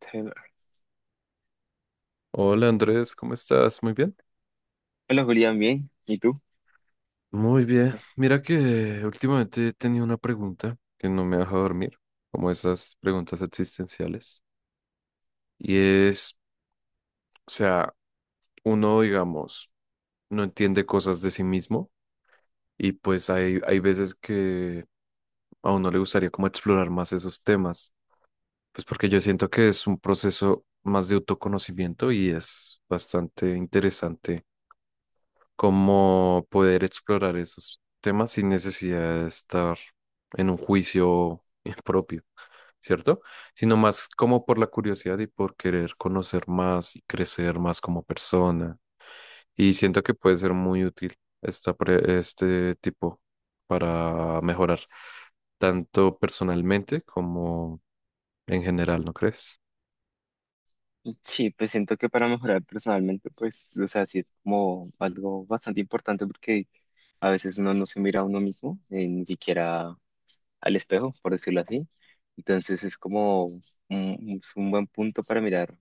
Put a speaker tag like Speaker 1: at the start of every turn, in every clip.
Speaker 1: Taylor.
Speaker 2: Hola Andrés, ¿cómo estás? Muy bien.
Speaker 1: Hola Julián, bien. ¿Y tú?
Speaker 2: Muy bien. Mira que últimamente he tenido una pregunta que no me deja dormir, como esas preguntas existenciales. Y es, o sea, uno, digamos, no entiende cosas de sí mismo y pues hay veces que a uno le gustaría como explorar más esos temas, pues porque yo siento que es un proceso más de autoconocimiento y es bastante interesante como poder explorar esos temas sin necesidad de estar en un juicio propio, ¿cierto? Sino más como por la curiosidad y por querer conocer más y crecer más como persona. Y siento que puede ser muy útil este tipo para mejorar tanto personalmente como en general, ¿no crees?
Speaker 1: Sí, pues siento que para mejorar personalmente, pues, o sea, sí es como algo bastante importante porque a veces uno no se mira a uno mismo, ni siquiera al espejo, por decirlo así. Entonces es como es un buen punto para mirar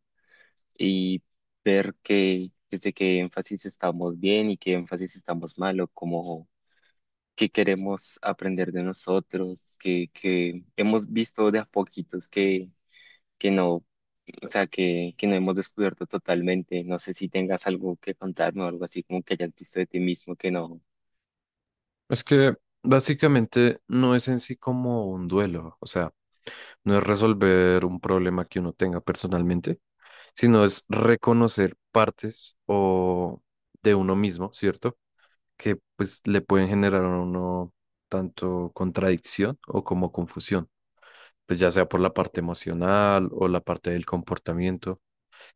Speaker 1: y ver que desde qué énfasis estamos bien y qué énfasis estamos mal o cómo, que queremos aprender de nosotros, que hemos visto de a poquitos que no, o sea, que no hemos descubierto totalmente. No sé si tengas algo que contarme o algo así como que hayas visto de ti mismo que no.
Speaker 2: Es que básicamente no es en sí como un duelo, o sea, no es resolver un problema que uno tenga personalmente, sino es reconocer partes o de uno mismo, ¿cierto? Que pues le pueden generar a uno tanto contradicción o como confusión, pues ya sea por la parte emocional o la parte del comportamiento.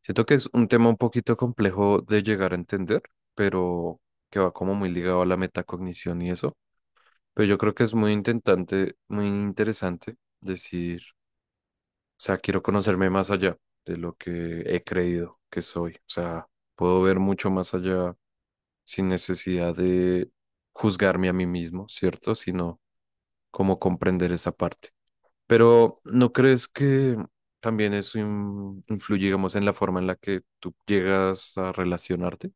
Speaker 2: Siento que es un tema un poquito complejo de llegar a entender, pero que va como muy ligado a la metacognición y eso. Pero yo creo que es muy interesante decir, o sea, quiero conocerme más allá de lo que he creído que soy. O sea, puedo ver mucho más allá sin necesidad de juzgarme a mí mismo, ¿cierto? Sino cómo comprender esa parte. Pero ¿no crees que también eso influye, digamos, en la forma en la que tú llegas a relacionarte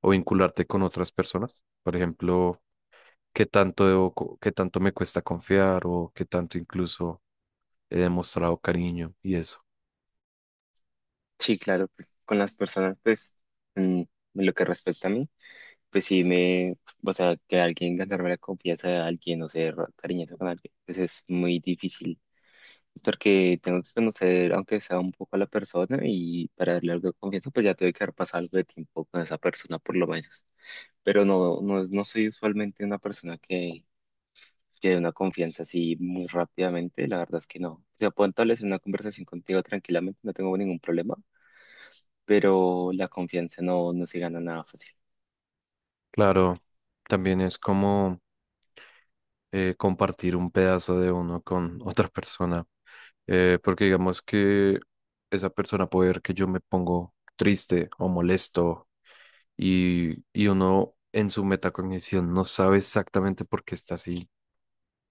Speaker 2: o vincularte con otras personas? Por ejemplo, ¿qué tanto qué tanto me cuesta confiar o qué tanto incluso he demostrado cariño y eso?
Speaker 1: Sí, claro, pues, con las personas, pues, en lo que respecta a mí, pues sí me, o sea, que alguien ganarme la confianza de alguien, o ser cariñoso con alguien, pues es muy difícil. Porque tengo que conocer, aunque sea un poco a la persona, y para darle algo de confianza, pues ya tengo que haber pasado algo de tiempo con esa persona, por lo menos. Pero no soy usualmente una persona que dé una confianza así muy rápidamente, la verdad es que no. O sea, puedo establecer una conversación contigo tranquilamente, no tengo ningún problema, pero la confianza no se gana nada fácil.
Speaker 2: Claro, también es como compartir un pedazo de uno con otra persona, porque digamos que esa persona puede ver que yo me pongo triste o molesto y uno en su metacognición no sabe exactamente por qué está así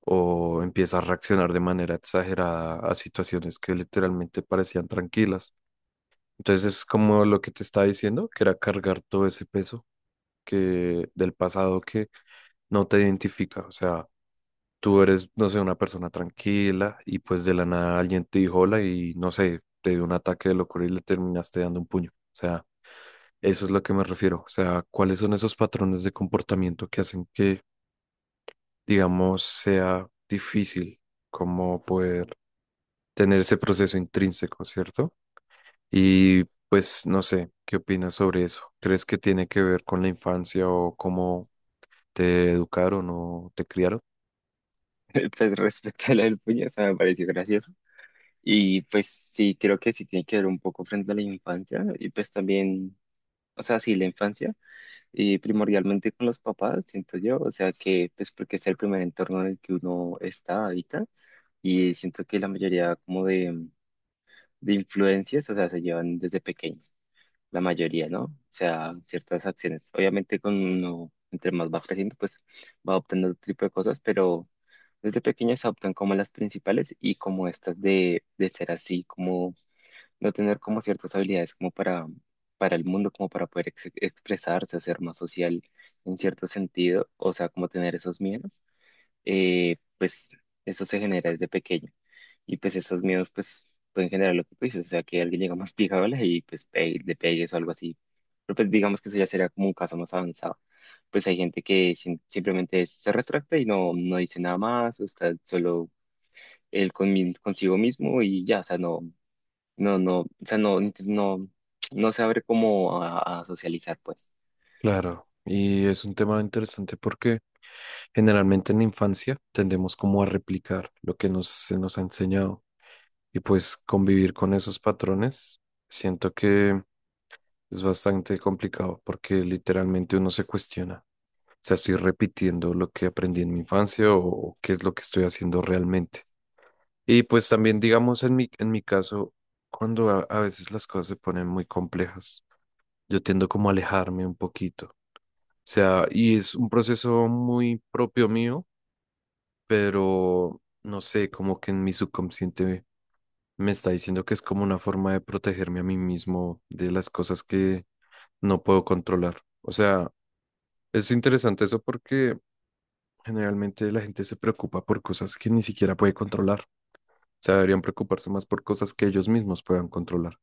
Speaker 2: o empieza a reaccionar de manera exagerada a situaciones que literalmente parecían tranquilas. Entonces es como lo que te estaba diciendo, que era cargar todo ese peso que del pasado que no te identifica, o sea, tú eres, no sé, una persona tranquila y pues de la nada alguien te dijo hola y no sé, te dio un ataque de locura y le terminaste dando un puño. O sea, eso es lo que me refiero. O sea, ¿cuáles son esos patrones de comportamiento que hacen que, digamos, sea difícil como poder tener ese proceso intrínseco, ¿cierto? Y pues no sé, ¿qué opinas sobre eso? ¿Crees que tiene que ver con la infancia o cómo te educaron o te criaron?
Speaker 1: Pues respecto a la del puño, o sea, me pareció gracioso. Y pues sí, creo que sí tiene que ver un poco frente a la infancia, y pues también, o sea, sí, la infancia. Y primordialmente con los papás, siento yo, o sea que pues porque es el primer entorno en el que uno está ahorita y siento que la mayoría como de influencias, o sea, se llevan desde pequeños, la mayoría, ¿no? O sea, ciertas acciones. Obviamente con uno, entre más va creciendo, pues va adoptando otro tipo de cosas, pero desde pequeños se adoptan como las principales y como estas de ser así, como no tener como ciertas habilidades como para el mundo, como para poder ex- expresarse o ser más social en cierto sentido, o sea, como tener esos miedos, pues eso se genera desde pequeño. Y pues esos miedos pues pueden generar lo que tú dices, o sea, que alguien llega más masticable y pues pe- le pegues o algo así. Pero pues digamos que eso ya sería como un caso más avanzado. Pues hay gente que sin- simplemente se retracta y no dice nada más, o está solo él con, consigo mismo y ya, o sea, no, no, o sea, no, no, no se abre como a socializar, pues.
Speaker 2: Claro, y es un tema interesante porque generalmente en la infancia tendemos como a replicar lo que nos, se nos ha enseñado y pues convivir con esos patrones siento que es bastante complicado porque literalmente uno se cuestiona, o sea, estoy repitiendo lo que aprendí en mi infancia o qué es lo que estoy haciendo realmente. Y pues también digamos en mi caso, cuando a veces las cosas se ponen muy complejas, yo tiendo como a alejarme un poquito, o sea, y es un proceso muy propio mío, pero no sé, como que en mi subconsciente me está diciendo que es como una forma de protegerme a mí mismo de las cosas que no puedo controlar. O sea, es interesante eso porque generalmente la gente se preocupa por cosas que ni siquiera puede controlar. O sea, deberían preocuparse más por cosas que ellos mismos puedan controlar. O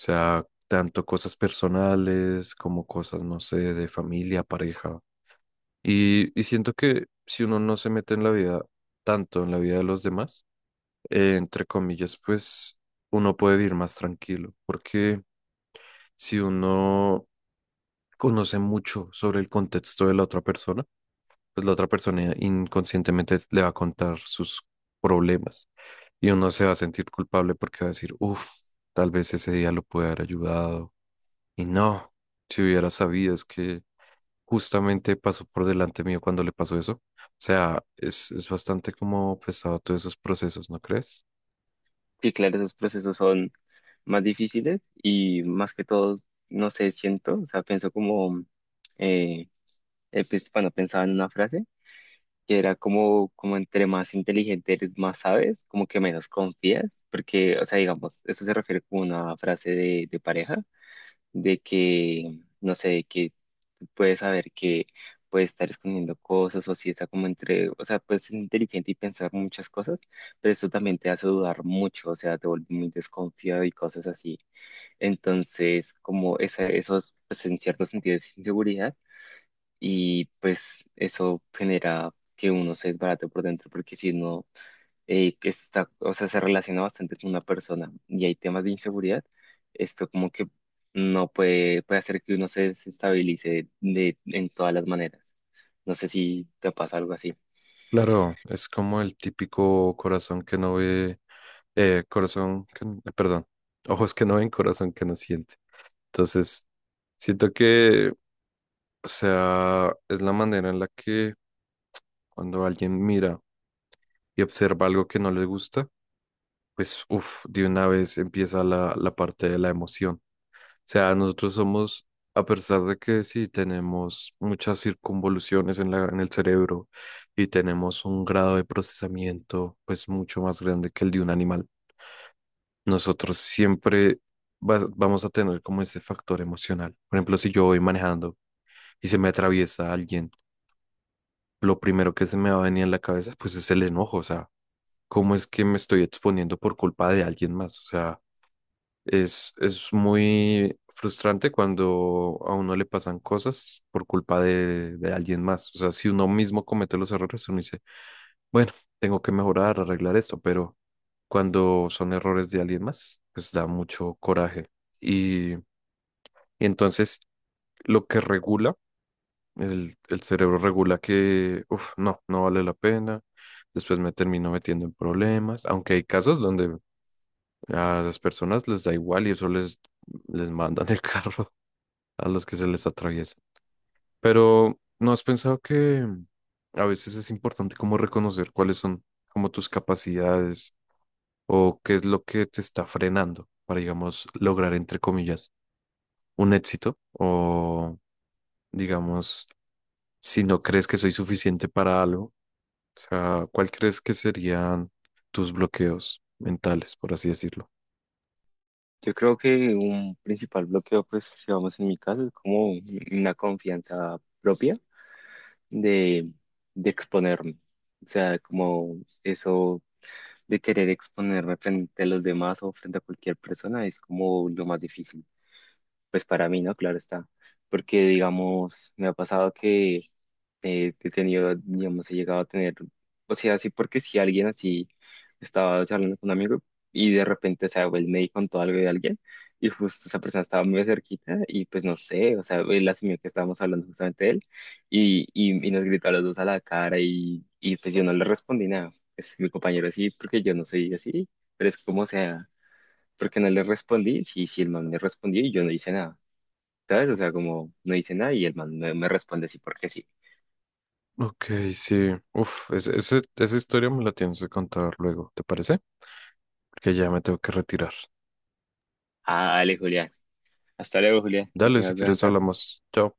Speaker 2: sea, tanto cosas personales como cosas, no sé, de familia, pareja. Y siento que si uno no se mete en la vida tanto, en la vida de los demás, entre comillas, pues uno puede vivir más tranquilo, porque si uno conoce mucho sobre el contexto de la otra persona, pues la otra persona inconscientemente le va a contar sus problemas y uno se va a sentir culpable porque va a decir, uff, tal vez ese día lo pude haber ayudado y no, si hubiera sabido, es que justamente pasó por delante mío cuando le pasó eso. O sea, es bastante como pesado todos esos procesos, ¿no crees?
Speaker 1: Sí, claro, esos procesos son más difíciles y más que todo, no sé, siento, o sea, pienso como, eh, pues, bueno, pensaba en una frase que era como, como entre más inteligente eres, más sabes, como que menos confías, porque, o sea, digamos, eso se refiere como a una frase de pareja de que, no sé, de que tú puedes saber que puede estar escondiendo cosas o si está como entre, o sea, puedes ser inteligente y pensar muchas cosas, pero eso también te hace dudar mucho, o sea, te vuelve muy desconfiado y cosas así. Entonces, como esos, pues en cierto sentido es inseguridad y pues eso genera que uno se desbarate por dentro porque si no que está, o sea, se relaciona bastante con una persona y hay temas de inseguridad, esto como que no puede, puede hacer que uno se desestabilice de, en todas las maneras. No sé si te pasa algo así.
Speaker 2: Claro, es como el típico corazón que no ve, perdón, ojos que no ven, corazón que no siente. Entonces, siento que, o sea, es la manera en la que cuando alguien mira y observa algo que no le gusta, pues, uff, de una vez empieza la parte de la emoción. Sea, nosotros somos, a pesar de que sí tenemos muchas circunvoluciones en en el cerebro y tenemos un grado de procesamiento pues mucho más grande que el de un animal, nosotros siempre vamos a tener como ese factor emocional. Por ejemplo, si yo voy manejando y se me atraviesa alguien, lo primero que se me va a venir en la cabeza pues es el enojo, o sea, ¿cómo es que me estoy exponiendo por culpa de alguien más? O sea... es muy frustrante cuando a uno le pasan cosas por culpa de alguien más. O sea, si uno mismo comete los errores, uno dice, bueno, tengo que mejorar, arreglar esto, pero cuando son errores de alguien más, pues da mucho coraje. Y entonces lo que regula, el cerebro regula que, uff, no, no vale la pena. Después me termino metiendo en problemas, aunque hay casos donde a las personas les da igual y eso les mandan el carro a los que se les atraviesa. Pero ¿no has pensado que a veces es importante como reconocer cuáles son como tus capacidades o qué es lo que te está frenando para, digamos, lograr, entre comillas, un éxito? O, digamos, si no crees que soy suficiente para algo, o sea, ¿cuál crees que serían tus bloqueos mentales, por así decirlo?
Speaker 1: Yo creo que un principal bloqueo, pues, digamos en mi caso, es como una confianza propia de, de exponerme. O sea, como eso de querer exponerme frente a los demás o frente a cualquier persona es como lo más difícil. Pues para mí, ¿no? Claro está. Porque, digamos, me ha pasado que he tenido, digamos, he llegado a tener, o sea, así porque si alguien así estaba charlando con un amigo y de repente, o sea, él me contó algo de alguien y justo esa persona estaba muy cerquita y pues no sé, o sea, él asumió que estábamos hablando justamente de él y nos gritó a los dos a la cara y pues yo no le respondí nada. Pues mi compañero sí, porque yo no soy así, pero es como, o sea, porque no le respondí, sí, el man me respondió y yo no hice nada. ¿Sabes? O sea, como no dice nada y el man me responde así porque sí.
Speaker 2: Ok, sí. Uf, esa historia me la tienes que contar luego, ¿te parece? Que ya me tengo que retirar.
Speaker 1: Ah, dale, Julián. Hasta luego, Julián. Que
Speaker 2: Dale, si
Speaker 1: tengas buena
Speaker 2: quieres
Speaker 1: tarde.
Speaker 2: hablamos. Chao.